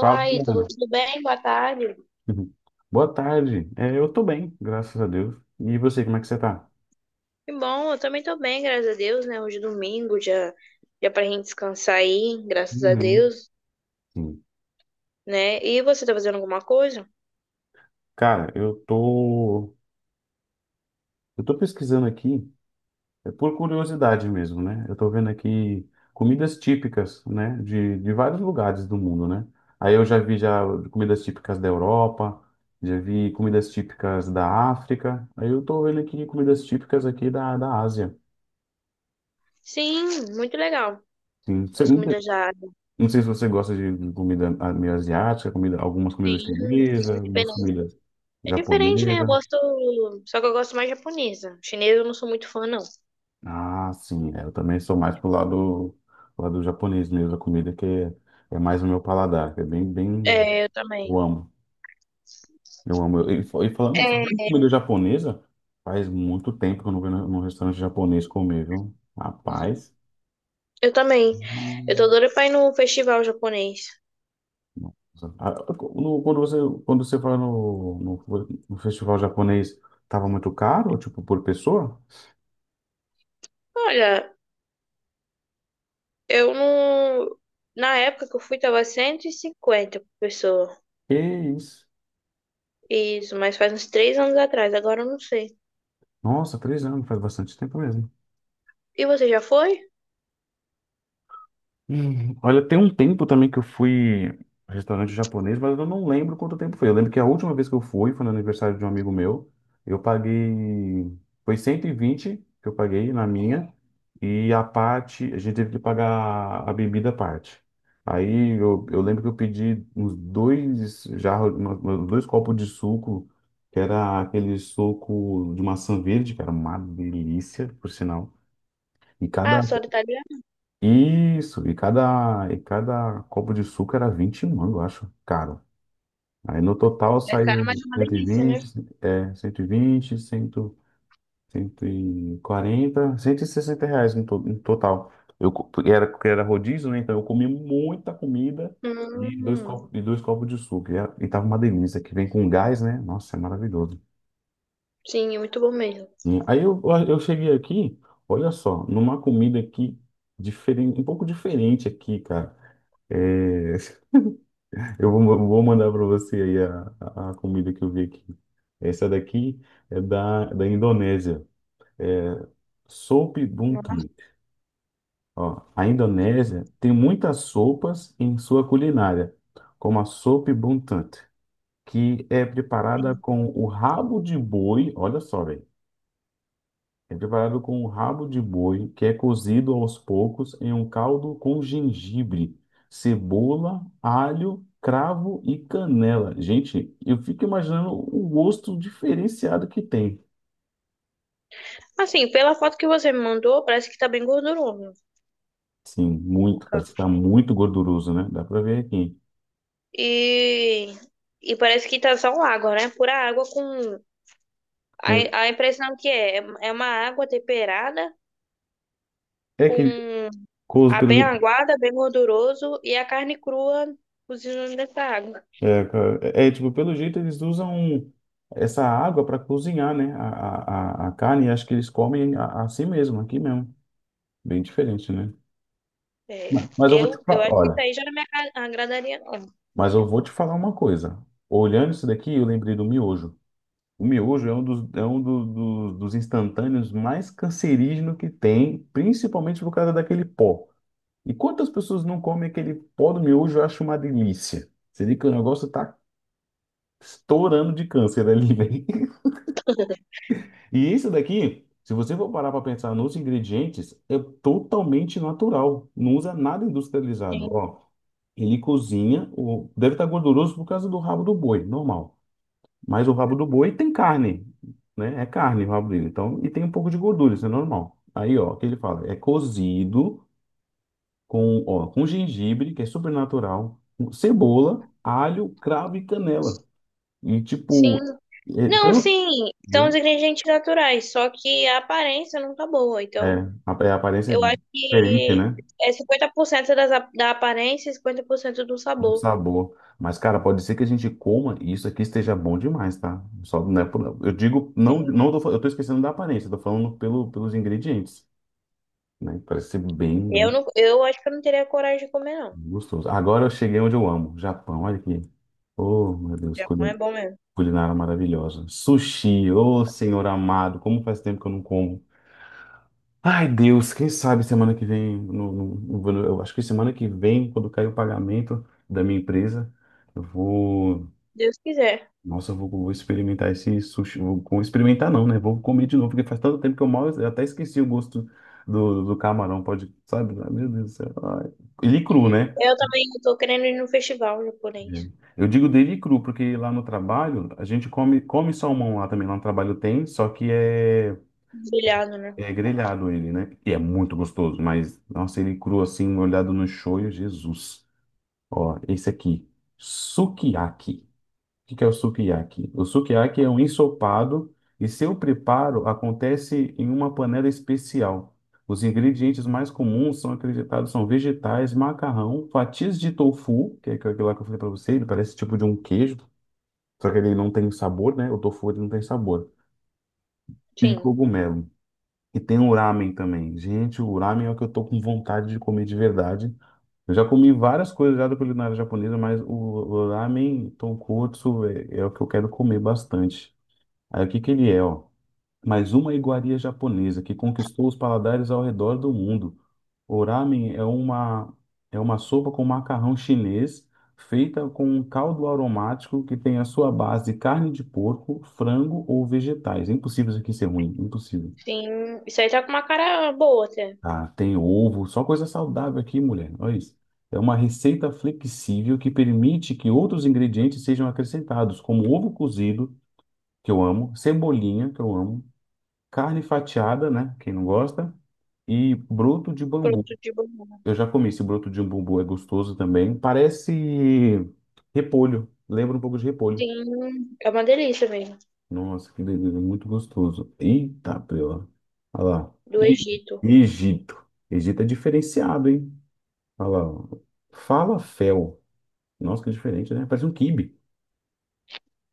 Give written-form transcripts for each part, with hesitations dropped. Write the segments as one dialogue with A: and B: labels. A: Fala,
B: Ítalo,
A: Juliana.
B: tudo bem? Boa tarde.
A: Uhum. Boa tarde. É, eu tô bem, graças a Deus. E você, como é que você tá?
B: Que bom, eu também tô bem, graças a Deus, né? Hoje é domingo, já, já pra gente descansar aí, graças a
A: Uhum.
B: Deus,
A: Sim.
B: né? E você tá fazendo alguma coisa?
A: Cara, eu tô pesquisando aqui, é por curiosidade mesmo, né? Eu tô vendo aqui comidas típicas, né, de vários lugares do mundo, né? Aí eu já vi já comidas típicas da Europa, já vi comidas típicas da África. Aí eu tô vendo aqui comidas típicas aqui da Ásia.
B: Sim, muito legal.
A: Sim.
B: As comidas já.
A: Não sei se você gosta de comida meio asiática, comida, algumas
B: Sim,
A: comidas chinesas,
B: sim,
A: algumas
B: diferente.
A: comidas
B: É diferente, né? Eu
A: japonesas.
B: gosto. Só que eu gosto mais japonesa. Chinesa eu não sou muito fã, não.
A: Ah, sim, é, eu também sou mais pro lado japonês mesmo, a comida que é, é mais o meu paladar, que é bem, bem,
B: É, eu também.
A: eu amo, eu amo. E, e falando,
B: É,
A: falando em comida japonesa, faz muito tempo que eu não vou num restaurante japonês comer, viu? Rapaz.
B: eu também. Eu tô doida pra ir no festival japonês.
A: Ah, no- Quando você, quando você foi no festival japonês, tava muito caro, tipo, por pessoa?
B: Olha, eu não. Na época que eu fui, tava 150 por pessoa.
A: Que isso?
B: Isso, mas faz uns 3 anos atrás, agora eu não sei.
A: Nossa, 3 anos, faz bastante tempo mesmo.
B: E você já foi?
A: Olha, tem um tempo também que eu fui a restaurante japonês, mas eu não lembro quanto tempo foi. Eu lembro que a última vez que eu fui foi no aniversário de um amigo meu. Eu paguei. Foi 120 que eu paguei na minha. E a parte. A gente teve que pagar a bebida à parte. Aí eu lembro que eu pedi uns dois jarros, dois copos de suco, que era aquele suco de maçã verde, que era uma delícia, por sinal. E cada
B: Ah, só do italiano?
A: isso, e cada copo de suco era 20 mango, eu acho, caro. Aí no total
B: É caro, mas
A: saiu
B: é uma delícia, né?
A: 120, é, 120, 100, 140, R$ 160 no, no total. Eu, porque era rodízio, né? Então eu comi muita comida e dois
B: Hum,
A: copos, de suco. E, e tava uma delícia, que vem com gás, né? Nossa, é maravilhoso.
B: sim, é muito bom mesmo.
A: E aí eu cheguei aqui, olha só, numa comida aqui, diferente, um pouco diferente aqui, cara. É, eu vou mandar para você aí a comida que eu vi aqui. Essa daqui é da Indonésia. Soup Buntut. Ó, a Indonésia tem muitas sopas em sua culinária, como a Soup Buntut, que é preparada com o rabo de boi, olha só, velho. É preparado com um rabo de boi, que é cozido aos poucos em um caldo com gengibre, cebola, alho, cravo e canela. Gente, eu fico imaginando o gosto diferenciado que tem.
B: Assim, pela foto que você me mandou, parece que tá bem gorduroso
A: Sim,
B: o
A: muito, parece
B: carro.
A: que tá muito gorduroso, né? Dá pra ver aqui.
B: E, e parece que tá só água, né? Pura água com. A,
A: Com-
B: a impressão que é, é é uma água temperada
A: é que
B: com
A: cozo
B: a
A: pelo
B: bem aguada, bem gorduroso e a carne crua cozinhando nessa água.
A: é, é, tipo, pelo jeito eles usam essa água para cozinhar, né? A carne, acho que eles comem assim mesmo, aqui mesmo. Bem diferente, né?
B: É,
A: Mas eu vou te
B: eu
A: falar,
B: acho que isso
A: olha.
B: aí já não me agradaria, não.
A: Mas eu vou te falar uma coisa. Olhando isso daqui, eu lembrei do miojo. O miojo é um dos, é um dos instantâneos mais cancerígeno que tem, principalmente por causa daquele pó. E quantas pessoas não comem aquele pó do miojo, eu acho uma delícia. Você vê que o negócio tá estourando de câncer ali, velho. E isso daqui, se você for parar para pensar nos ingredientes, é totalmente natural. Não usa nada industrializado. Ó, ele cozinha, o deve estar gorduroso por causa do rabo do boi, normal. Mas o rabo do boi tem carne, né? É carne o rabo dele. Então, e tem um pouco de gordura, isso é normal. Aí, ó, o que ele fala? É cozido com, ó, com gengibre, que é super natural, com cebola, alho, cravo e canela. E
B: Sim.
A: tipo, é,
B: Não,
A: então,
B: sim, são os
A: entendeu?
B: ingredientes naturais, só que a aparência não tá boa.
A: É,
B: Então,
A: a, é, a aparência é
B: eu acho
A: diferente,
B: que
A: né?
B: é 50% das, da aparência e 50% do
A: Do
B: sabor.
A: sabor. Mas, cara, pode ser que a gente coma e isso aqui esteja bom demais, tá? Só, né, eu digo, não, não tô, eu tô esquecendo da aparência, tô falando pelo, pelos ingredientes, né? Parece ser bem,
B: É, eu
A: bem.
B: não, eu acho que eu não teria coragem de comer, não.
A: Gostoso. Agora eu cheguei onde eu amo, Japão. Olha aqui. Oh, meu Deus,
B: Japão é bom mesmo.
A: culinária maravilhosa. Sushi, oh, senhor amado, como faz tempo que eu não como. Ai, Deus, quem sabe semana que vem, eu acho que semana que vem, quando cair o pagamento da minha empresa, eu vou,
B: Deus quiser.
A: nossa, eu vou experimentar esse sushi. Vou, experimentar não, né? Vou comer de novo, porque faz tanto tempo que eu mal, eu até esqueci o gosto do camarão, pode, sabe? Ai, meu Deus do céu. Ai. Ele cru, né?
B: Eu também tô querendo ir no festival japonês.
A: É. Eu digo dele cru, porque lá no trabalho a gente come, come salmão lá também. Lá no trabalho tem, só que é,
B: Brilhado, né?
A: é grelhado ele, né? E é muito gostoso, mas nossa, ele cru assim, olhado no shoyu, Jesus. Ó, esse aqui, sukiyaki. O que que é o sukiyaki? O sukiyaki é um ensopado e seu preparo acontece em uma panela especial. Os ingredientes mais comuns são acreditados são vegetais, macarrão, fatias de tofu, que é aquilo lá que eu falei para você, ele parece tipo de um queijo só que ele não tem sabor, né? O tofu ele não tem sabor. E
B: Sim,
A: cogumelo. E tem o ramen também. Gente, o ramen é o que eu tô com vontade de comer de verdade. Eu já comi várias coisas já da culinária japonesa, mas o ramen tonkotsu é, é o que eu quero comer bastante. Aí o que que ele é, ó? Mais uma iguaria japonesa que conquistou os paladares ao redor do mundo. O ramen é uma sopa com macarrão chinês feita com um caldo aromático que tem a sua base de carne de porco, frango ou vegetais. É impossível isso aqui ser ruim, impossível.
B: sim. Isso aí tá com uma cara boa até.
A: Ah, tem ovo, só coisa saudável aqui, mulher. Olha isso. É uma receita flexível que permite que outros ingredientes sejam acrescentados, como ovo cozido, que eu amo, cebolinha, que eu amo, carne fatiada, né? Quem não gosta, e broto de bambu.
B: Produto de banana.
A: Eu já comi esse broto de umbu, é gostoso também. Parece repolho, lembra um pouco de repolho.
B: Sim, é uma delícia mesmo.
A: Nossa, que delícia, é muito gostoso. Eita, prela. Olha lá.
B: Do
A: E
B: Egito.
A: Egito. Egito é diferenciado, hein? Olha lá. Ó. Falafel. Nossa, que diferente, né? Parece um quibe.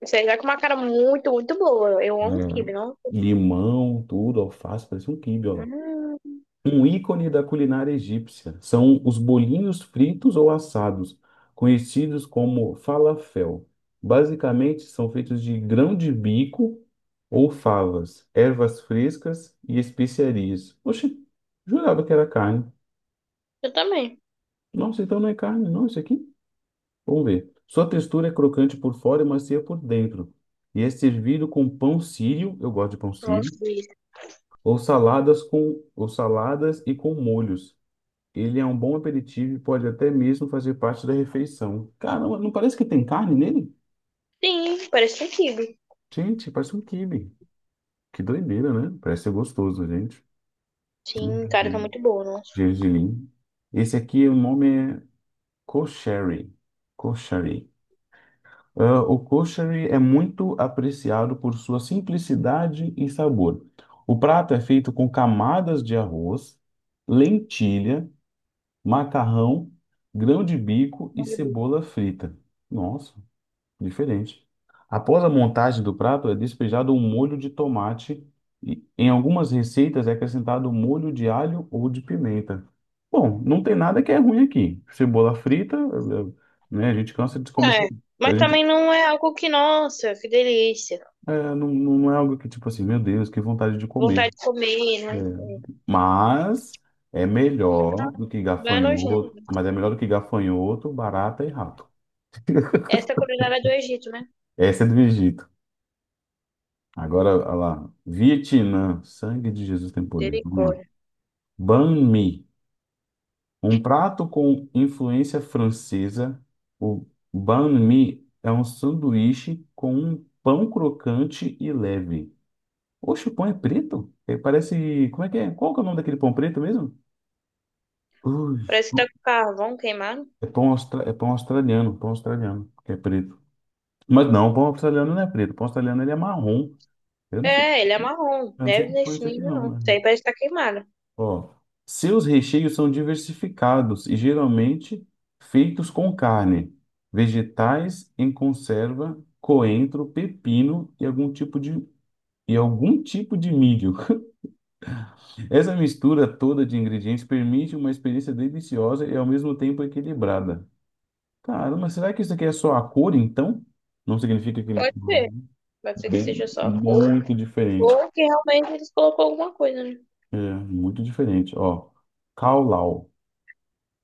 B: Você já com uma cara muito, muito boa. Eu amo quibe,
A: É.
B: não?
A: Limão, tudo, alface, parece um quibe, ó.
B: Hum,
A: Um ícone da culinária egípcia são os bolinhos fritos ou assados, conhecidos como falafel. Basicamente, são feitos de grão de bico ou favas, ervas frescas e especiarias. Oxe, jurava que era carne.
B: eu também
A: Nossa, então não é carne, não, isso aqui? Vamos ver. Sua textura é crocante por fora e macia por dentro. E é servido com pão sírio, eu gosto de pão sírio,
B: gosto disso.
A: ou saladas com ou saladas e com molhos. Ele é um bom aperitivo e pode até mesmo fazer parte da refeição. Caramba, não parece que tem carne nele?
B: Sim, parece um quibe.
A: Gente, parece um quibe. Que doideira, né? Parece ser gostoso, gente.
B: Sim, cara, tá muito boa, nossa.
A: Gergelim. Esse aqui, o nome é kosheri. Kosheri. Ah, o kosheri é muito apreciado por sua simplicidade e sabor. O prato é feito com camadas de arroz, lentilha, macarrão, grão de bico e
B: Muito boa.
A: cebola frita. Nossa. Diferente. Após a montagem do prato, é despejado um molho de tomate e em algumas receitas é acrescentado molho de alho ou de pimenta. Bom, não tem nada que é ruim aqui. Cebola frita, né? A gente cansa de comer.
B: É. Mas
A: A gente,
B: também não é algo que, nossa, que delícia.
A: é, não, não é algo que, tipo assim, meu Deus, que vontade de
B: Vontade
A: comer.
B: de comer,
A: Né?
B: né?
A: Mas é melhor do que
B: Vai
A: gafanhoto,
B: nojento.
A: mas é melhor do que gafanhoto, barata e rato.
B: Essa é a culinária do Egito, né?
A: Essa é do Egito. Agora, olha lá. Vietnã, sangue de Jesus tem poder. Vamos lá.
B: Misericórdia.
A: Banh mi, um prato com influência francesa. O banh mi é um sanduíche com um pão crocante e leve. Oxe, o pão é preto? É, parece. Como é que é? Qual que é o nome daquele pão preto mesmo? Ui,
B: Parece que tá com carvão queimado.
A: é pão, é pão australiano, que é preto. Mas não, o pão australiano não é preto. O pão australiano ele é marrom. Eu não sei,
B: É, ele é marrom.
A: eu não sei
B: Neve
A: que pão é
B: nesse
A: esse aqui,
B: nível, não.
A: não.
B: Isso
A: Né?
B: aí parece que tá queimado.
A: Ó, seus recheios são diversificados e geralmente feitos com carne, vegetais em conserva, coentro, pepino e algum tipo de, e algum tipo de milho. Essa mistura toda de ingredientes permite uma experiência deliciosa e ao mesmo tempo equilibrada. Cara, mas será que isso aqui é só a cor, então? Não significa que ele tá.
B: Pode ser. Pode ser que seja
A: Bem,
B: só a cor.
A: muito diferente.
B: Ou que realmente eles colocou alguma coisa, né?
A: É, muito diferente. Ó, Cao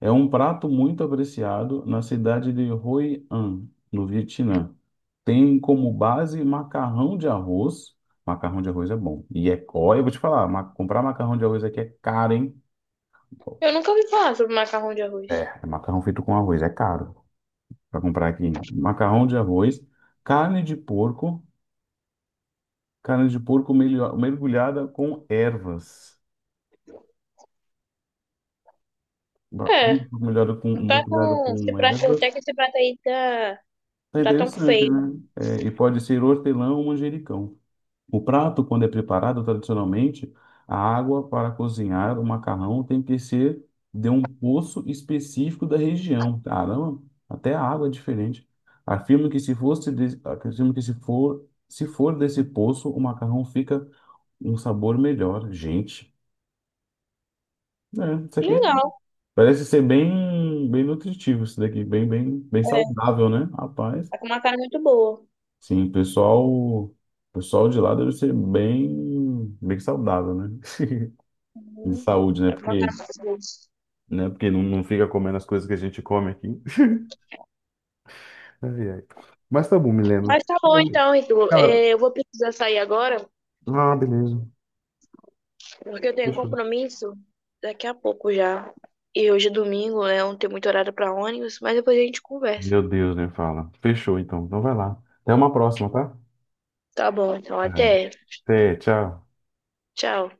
A: é um prato muito apreciado na cidade de Hoi An, no Vietnã. Tem como base macarrão de arroz. Macarrão de arroz é bom. E é, ó, eu vou te falar, comprar macarrão de arroz aqui é caro, hein?
B: Eu nunca ouvi falar sobre macarrão de arroz.
A: É, é macarrão feito com arroz, é caro para comprar aqui. Macarrão de arroz, carne de porco, carne de porco mergulhada com ervas.
B: É,
A: Carne de porco melhorada com,
B: não tá
A: mergulhada
B: tão. Esse
A: com
B: prato,
A: ervas.
B: até que esse prato aí tá.
A: É
B: Não tá tão
A: interessante,
B: feio.
A: né? É, e pode ser hortelã ou manjericão. O prato, quando é preparado tradicionalmente, a água para cozinhar o macarrão tem que ser de um poço específico da região. Caramba, até a água é diferente. Afirmo que se fosse, afirmo que se for, se for desse poço, o macarrão fica um sabor melhor. Gente, é, isso
B: Que
A: aqui
B: legal.
A: parece ser bem, bem nutritivo, isso daqui, bem, bem, bem
B: É,
A: saudável, né? Rapaz,
B: tá com uma cara muito boa.
A: sim, o pessoal de lá deve ser bem, bem saudável, né? De
B: Uhum.
A: saúde, né?
B: Tá com uma cara
A: Porque,
B: muito boa.
A: né? Porque não, não fica comendo as coisas que a gente come aqui. Ai, ai. Mas tá bom, Milena.
B: Mas tá bom
A: Bom,
B: então, Itu.
A: cara,
B: É, eu vou precisar sair agora,
A: ah, beleza.
B: porque eu tenho um
A: Fechou.
B: compromisso daqui a pouco já. E hoje é domingo, né? Não tem muito horário pra ônibus, mas depois a gente conversa.
A: Meu Deus, nem fala. Fechou, então. Então vai lá. Até uma próxima, tá?
B: Tá bom, então
A: É.
B: até.
A: Até, tchau.
B: Tchau.